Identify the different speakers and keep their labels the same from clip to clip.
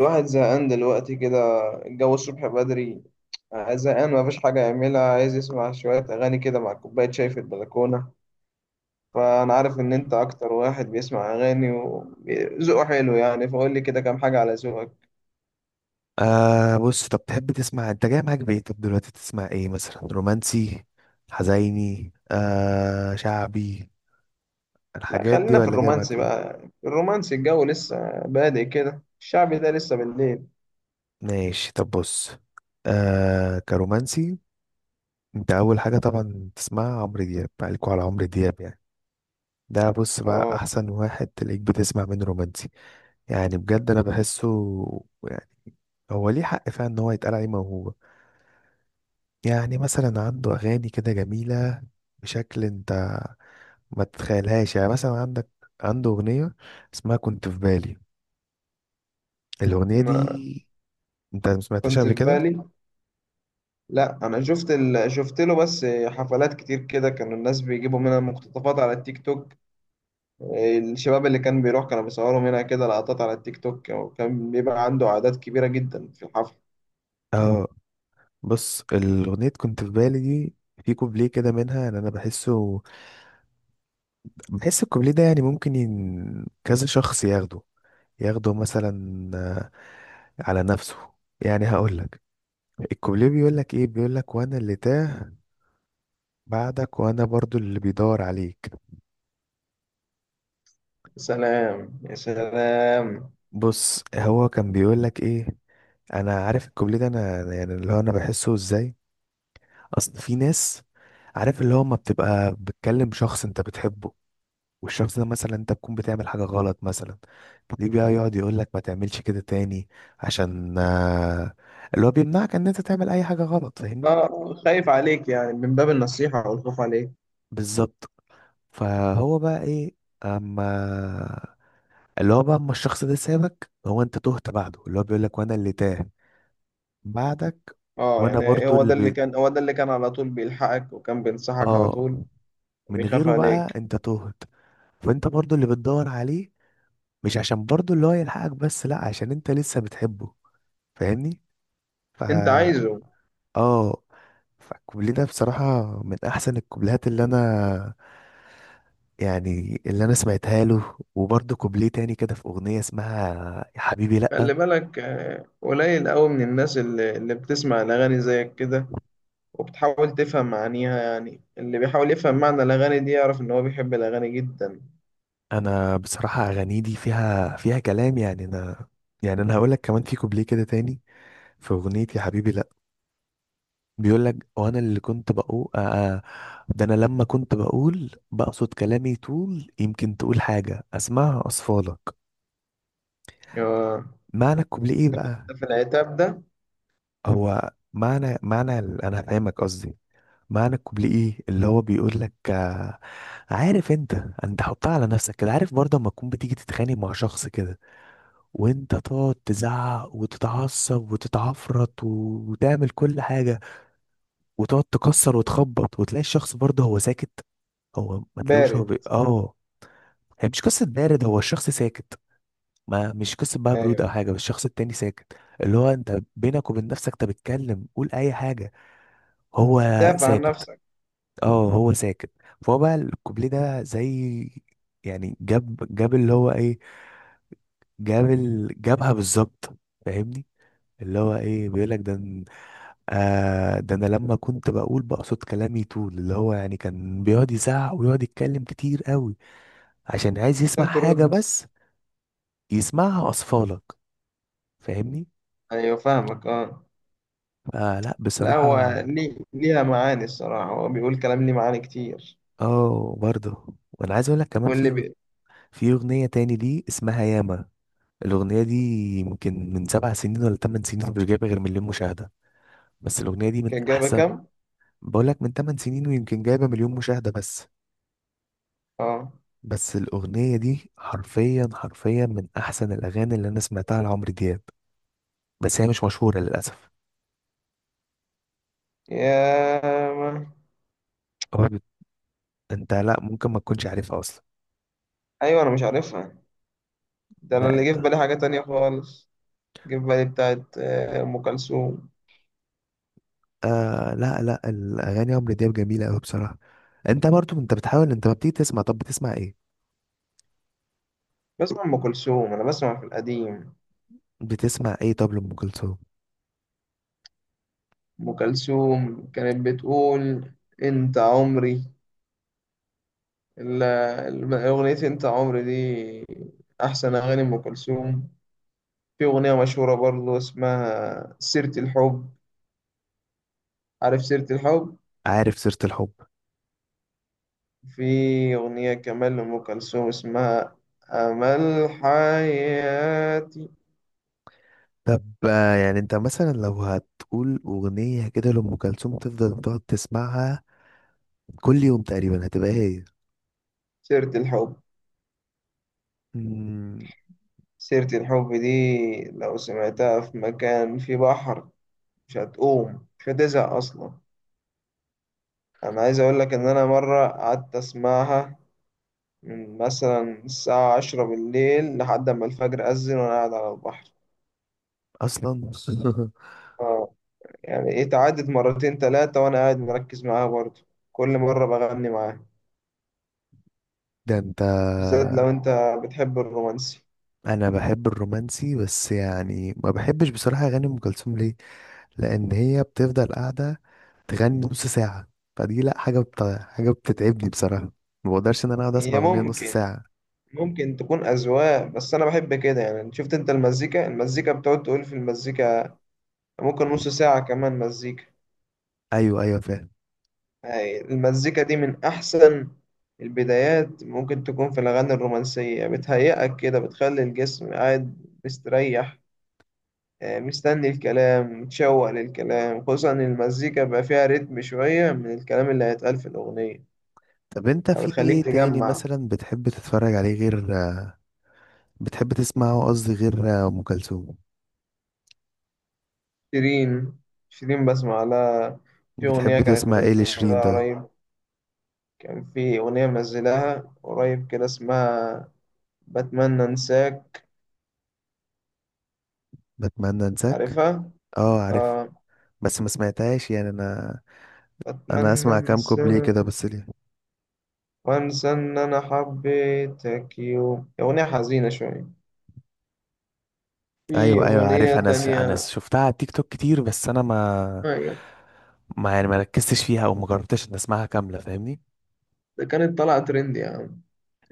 Speaker 1: الواحد زهقان دلوقتي كده. الجو الصبح بدري. زهقان مفيش حاجة يعملها، عايز يسمع شوية أغاني كده مع كوباية شاي في البلكونة. فأنا عارف إن أنت أكتر واحد بيسمع أغاني وذوقه حلو يعني، فقول لي كده كام حاجة على ذوقك.
Speaker 2: آه، بص، طب تحب تسمع؟ انت جاي معاك بايه؟ طب دلوقتي تسمع ايه مثلا؟ رومانسي، حزيني، آه شعبي؟
Speaker 1: لا،
Speaker 2: الحاجات دي
Speaker 1: خلينا في
Speaker 2: ولا جاي
Speaker 1: الرومانسي
Speaker 2: معاك ايه؟
Speaker 1: بقى. الرومانسي الجو لسه بادئ كده، الشعبي ده لسه بالليل.
Speaker 2: ماشي، طب بص، آه كرومانسي، انت اول حاجة طبعا تسمعها عمرو دياب. عليكوا على عمرو دياب يعني. ده بص بقى
Speaker 1: اه.
Speaker 2: احسن واحد تلاقيك بتسمع منه رومانسي. يعني بجد انا بحسه، يعني هو ليه حق فعلا ان هو يتقال عليه موهوب. يعني مثلا عنده اغاني كده جميلة بشكل انت ما تتخيلهاش. يعني مثلا عندك، عنده أغنية اسمها كنت في بالي. الأغنية
Speaker 1: ما
Speaker 2: دي أنت ما سمعتهاش
Speaker 1: كنت
Speaker 2: قبل
Speaker 1: في
Speaker 2: كده؟
Speaker 1: بالي. لا، انا شفت شفت له بس حفلات كتير كده، كانوا الناس بيجيبوا منها مقتطفات على التيك توك. الشباب اللي كان بيروح كانوا بيصوروا منها كده لقطات على التيك توك، وكان بيبقى عنده أعداد كبيرة جدا في الحفل.
Speaker 2: اه، بص الأغنية كنت في بالي دي، في كوبليه كده منها يعني أنا بحسه، بحس الكوبليه ده يعني ممكن كذا شخص ياخده، ياخده مثلا على نفسه. يعني هقول لك الكوبليه بيقول لك ايه. بيقول لك وانا اللي تاه بعدك، وانا برضو اللي بيدور عليك.
Speaker 1: يا سلام يا سلام.
Speaker 2: بص هو كان بيقول لك ايه؟ انا عارف الكوبليه ده، انا يعني اللي هو انا بحسه ازاي. اصل في ناس، عارف اللي هو ما بتبقى بتكلم شخص انت بتحبه، والشخص ده مثلا انت تكون بتعمل حاجة غلط مثلا، ليه بقى يقعد يقول لك ما تعملش كده تاني؟ عشان اللي هو بيمنعك ان انت تعمل اي حاجة غلط. فاهمني؟
Speaker 1: اه، خايف عليك يعني، من باب النصيحة والخوف عليك.
Speaker 2: بالظبط. فهو بقى ايه، اما اللي هو بقى اما الشخص ده سابك، هو انت تهت بعده. اللي هو بيقول لك وانا اللي تاه بعدك،
Speaker 1: اه
Speaker 2: وانا
Speaker 1: يعني
Speaker 2: برضو
Speaker 1: هو
Speaker 2: اللي
Speaker 1: ده اللي
Speaker 2: بيت
Speaker 1: كان، هو ده اللي كان على طول بيلحقك وكان بينصحك على
Speaker 2: اه
Speaker 1: طول.
Speaker 2: من
Speaker 1: بيخاف
Speaker 2: غيره بقى
Speaker 1: عليك.
Speaker 2: انت تهت. فانت برضو اللي بتدور عليه، مش عشان برضو اللي هو يلحقك بس، لا عشان انت لسه بتحبه. فاهمني؟
Speaker 1: انت
Speaker 2: فا
Speaker 1: عايزه.
Speaker 2: اه، فالكوبليه ده بصراحة من احسن الكوبليهات اللي انا، يعني اللي انا سمعتها له. وبرضو كوبليه تاني كده في اغنية اسمها يا حبيبي
Speaker 1: خلي
Speaker 2: لا.
Speaker 1: بالك. قليل قوي من الناس اللي بتسمع الأغاني زيك كده وبتحاول تفهم معانيها، يعني اللي بيحاول يفهم معنى الأغاني دي يعرف إن هو بيحب الأغاني جدا.
Speaker 2: انا بصراحة اغاني دي فيها، فيها كلام. يعني انا، يعني انا هقولك كمان في كوبليه كده تاني في اغنية يا حبيبي لا، بيقول لك وانا اللي كنت بقول ده انا لما كنت بقول بقصد كلامي، طول يمكن تقول حاجة اسمعها اصفالك.
Speaker 1: آه،
Speaker 2: معنى الكوبليه ايه بقى؟
Speaker 1: في العتاب ده.
Speaker 2: هو معنى انا فاهمك قصدي، معنى الكوبليه ايه؟ اللي هو بيقول لك آه، عارف انت، انت حطها على نفسك كده. عارف برضه اما تكون بتيجي تتخانق مع شخص كده، وانت تقعد تزعق وتتعصب وتتعفرط وتعمل كل حاجة، وتقعد تكسر وتخبط، وتلاقي الشخص برضه هو ساكت، هو ما تلاقوش هو
Speaker 1: بارد.
Speaker 2: اه، هي مش قصة بارد، هو الشخص ساكت. ما مش قصة بقى برود
Speaker 1: ايوه.
Speaker 2: او حاجة، بس الشخص التاني ساكت. اللي هو انت بينك وبين نفسك انت بتتكلم قول اي حاجة، هو
Speaker 1: دافع عن
Speaker 2: ساكت.
Speaker 1: نفسك.
Speaker 2: اه هو ساكت. فهو بقى الكوبليه ده زي، يعني جاب اللي هو ايه، جاب جابها بالظبط. فاهمني؟ اللي هو ايه بيقول لك ده آه، ده انا لما كنت بقول بقصد كلامي، طول اللي هو يعني كان بيقعد يزعق ويقعد يتكلم كتير قوي عشان عايز يسمع
Speaker 1: عشان
Speaker 2: حاجة
Speaker 1: ترد.
Speaker 2: بس، يسمعها اطفالك. فاهمني؟
Speaker 1: ايوه فاهمك اه.
Speaker 2: فلا
Speaker 1: لا هو
Speaker 2: بصراحه.
Speaker 1: ليه، ليها معاني الصراحة، هو بيقول كلام ليه معاني كتير.
Speaker 2: اه برضه، وانا عايز اقول لك كمان
Speaker 1: واللي
Speaker 2: في،
Speaker 1: بي...
Speaker 2: في اغنيه تاني دي اسمها ياما. الاغنيه دي يمكن من 7 سنين ولا 8 سنين، مش جايبه غير مليون مشاهده بس. الاغنيه دي من
Speaker 1: كان جايبة
Speaker 2: احسن،
Speaker 1: كام؟
Speaker 2: بقول لك من 8 سنين ويمكن جايبه مليون مشاهده بس.
Speaker 1: اه.
Speaker 2: بس الاغنيه دي حرفيا حرفيا من احسن الاغاني اللي انا سمعتها لعمرو دياب، بس هي مش مشهوره للاسف.
Speaker 1: يا ما.
Speaker 2: هو انت لا ممكن ما تكونش عارفها اصلا.
Speaker 1: ايوه انا مش عارفها. ده انا اللي جه في
Speaker 2: لا
Speaker 1: بالي حاجة تانية خالص. جه في بالي بتاعت ام كلثوم.
Speaker 2: آه، لا لا، الاغاني عمرو دياب جميله قوي بصراحه. انت برضو انت بتحاول، انت ما بتيجي تسمع؟ طب بتسمع ايه؟
Speaker 1: بسمع ام كلثوم، انا بسمع في القديم.
Speaker 2: بتسمع ايه طب لام كلثوم؟
Speaker 1: ام كلثوم كانت بتقول انت عمري. ال- أغنية أنت عمري دي أحسن أغاني أم كلثوم. في أغنية مشهورة برضو اسمها سيرة الحب. عارف سيرة الحب.
Speaker 2: عارف سيره الحب.
Speaker 1: في أغنية كمان لأم كلثوم اسمها أمل حياتي.
Speaker 2: طب آه، يعني انت مثلا لو هتقول اغنيه كده لام كلثوم تفضل تقعد تسمعها كل يوم تقريبا هتبقى ايه؟
Speaker 1: سيرة الحب.
Speaker 2: مم،
Speaker 1: سيرة الحب دي لو سمعتها في مكان في بحر مش هتقوم، مش هتزهق أصلا. أنا عايز أقول لك إن أنا مرة قعدت أسمعها من مثلا الساعة 10 بالليل لحد ما الفجر أذن وأنا قاعد على البحر.
Speaker 2: اصلا
Speaker 1: اه، يعني إيه تعدت مرتين تلاتة وأنا قاعد مركز معاها برضه، كل مرة بغني معاها.
Speaker 2: ده انت،
Speaker 1: بالذات لو أنت بتحب الرومانسي.
Speaker 2: انا بحب الرومانسي، بس يعني ما بحبش بصراحه اغاني ام كلثوم. ليه؟ لان هي بتفضل قاعده تغني نص ساعه. فدي لا حاجه حاجه بتتعبني بصراحه. ما بقدرش ان انا اقعد اسمع
Speaker 1: هي
Speaker 2: اغنيه نص
Speaker 1: ممكن،
Speaker 2: ساعه.
Speaker 1: ممكن تكون أذواق، بس أنا بحب كده يعني. شفت أنت المزيكا، المزيكا بتقعد تقول في المزيكا، ممكن نص ساعة كمان مزيكا.
Speaker 2: ايوه ايوه فاهم.
Speaker 1: هاي المزيكا دي من أحسن البدايات ممكن تكون في الأغاني الرومانسية، بتهيئك كده، بتخلي الجسم قاعد مستريح. مستني الكلام، متشوق للكلام، خصوصا إن المزيكا بقى فيها رتم شوية من الكلام اللي هيتقال في الأغنية،
Speaker 2: طب انت في
Speaker 1: فبتخليك
Speaker 2: ايه تاني
Speaker 1: تجمع.
Speaker 2: مثلا بتحب تتفرج عليه غير، بتحب تسمعه قصدي، غير ام كلثوم؟
Speaker 1: شيرين. شيرين بسمع لها. في أغنية
Speaker 2: بتحب
Speaker 1: كانت
Speaker 2: تسمع ايه لشيرين
Speaker 1: منزلها
Speaker 2: طيب؟
Speaker 1: قريب. كان في أغنية منزلها قريب كده اسمها بتمنى أنساك.
Speaker 2: بتمنى انساك.
Speaker 1: عارفها؟
Speaker 2: اه عارف،
Speaker 1: آه.
Speaker 2: بس ما سمعتهاش يعني انا، انا
Speaker 1: بتمنى
Speaker 2: اسمع كام كوبليه
Speaker 1: أنساك
Speaker 2: كده بس ليه.
Speaker 1: وأنسى إن أنا حبيتك يوم، أغنية حزينة شوية. في
Speaker 2: ايوه ايوه عارف،
Speaker 1: أغنية
Speaker 2: انا انا
Speaker 1: تانية.
Speaker 2: شفتها على تيك توك كتير، بس انا ما،
Speaker 1: أيوة.
Speaker 2: ما يعني ما ركزتش فيها او ما جربتش ان اسمعها كامله. فاهمني؟
Speaker 1: ده كانت طالعة ترند يا عم.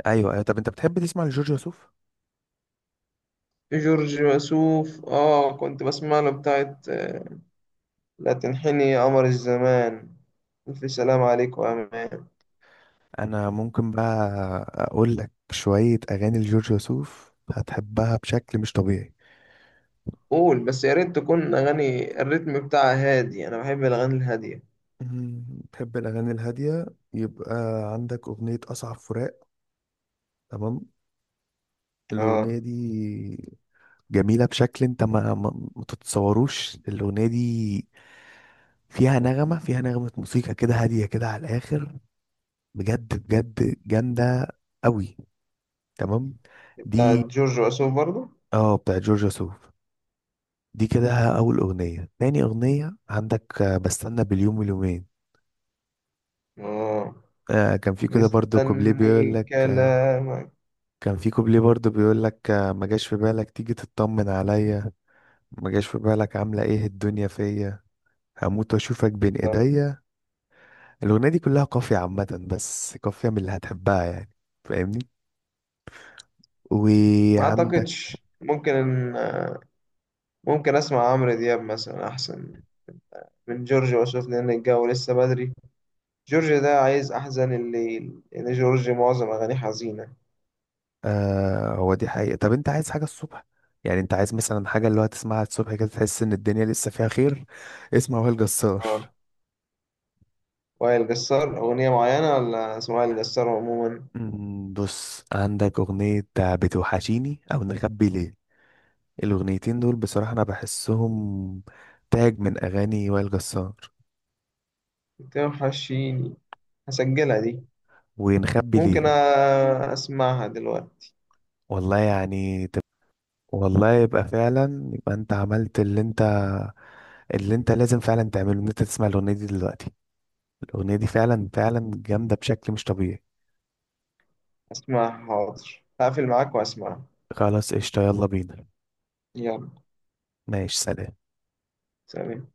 Speaker 2: ايوه ايوه، طب انت بتحب تسمع لجورج وسوف؟
Speaker 1: جورج وسوف اه، كنت بسمع له بتاعت لا تنحني يا قمر الزمان، ألف سلام عليك وأمان.
Speaker 2: انا ممكن بقى اقول لك شويه اغاني لجورج وسوف هتحبها بشكل مش طبيعي.
Speaker 1: قول بس، يا ريت تكون أغاني الريتم بتاعها هادي، أنا بحب الأغاني الهادية.
Speaker 2: مم، بتحب الاغاني الهاديه. يبقى عندك اغنيه اصعب فراق، تمام؟
Speaker 1: اه،
Speaker 2: الاغنيه دي جميله بشكل انت ما تتصوروش. الاغنيه دي فيها نغمه، فيها نغمه موسيقى كده هاديه كده على الاخر. بجد بجد جامده قوي، تمام؟
Speaker 1: بتاعت
Speaker 2: دي
Speaker 1: جورج وسوف برضو.
Speaker 2: اه بتاع جورجيا سوف. دي كده ها، اول اغنيه. تاني اغنيه عندك بستنى باليوم واليومين.
Speaker 1: اه،
Speaker 2: آه كان في كده برضو كوبليه بيقول
Speaker 1: مستني
Speaker 2: لك آه،
Speaker 1: كلامك.
Speaker 2: كان في كوبليه برضو بيقول لك آه، ما جاش في بالك تيجي تطمن عليا، ما جاش في بالك عامله ايه الدنيا فيا، هموت واشوفك بين ايديا. الاغنيه دي كلها قافيه عامه، بس قافيه من اللي هتحبها يعني. فاهمني؟
Speaker 1: ما
Speaker 2: وعندك،
Speaker 1: أعتقدش، ممكن، ممكن أسمع عمرو دياب مثلا أحسن من جورج وسوف لأن الجو لسه بدري. جورج ده عايز أحزن الليل، لأن جورج معظم أغانيه حزينة.
Speaker 2: آه هو دي حقيقة. طب انت عايز حاجة الصبح؟ يعني انت عايز مثلا حاجة اللي هو تسمعها الصبح كده تحس ان الدنيا لسه فيها خير، اسمع وائل جسار.
Speaker 1: اه. وائل جسار أغنية معينة ولا اسم وائل جسار عموما؟
Speaker 2: مم، بص عندك أغنية بتوحشيني أو نخبي ليه. الأغنيتين دول بصراحة أنا بحسهم تاج من أغاني وائل جسار.
Speaker 1: بتوحشيني هسجلها دي.
Speaker 2: ونخبي
Speaker 1: ممكن أ-
Speaker 2: ليه
Speaker 1: أسمعها دلوقتي.
Speaker 2: والله يعني والله يبقى فعلا، يبقى انت عملت اللي انت، اللي انت لازم فعلا تعمله، ان انت تسمع الأغنية دي دلوقتي. الأغنية دي فعلا فعلا جامدة بشكل مش طبيعي.
Speaker 1: أسمعها، حاضر، هقفل معاك وأسمعها.
Speaker 2: خلاص قشطة، يلا بينا.
Speaker 1: يلا.
Speaker 2: ماشي سلام.
Speaker 1: سلام.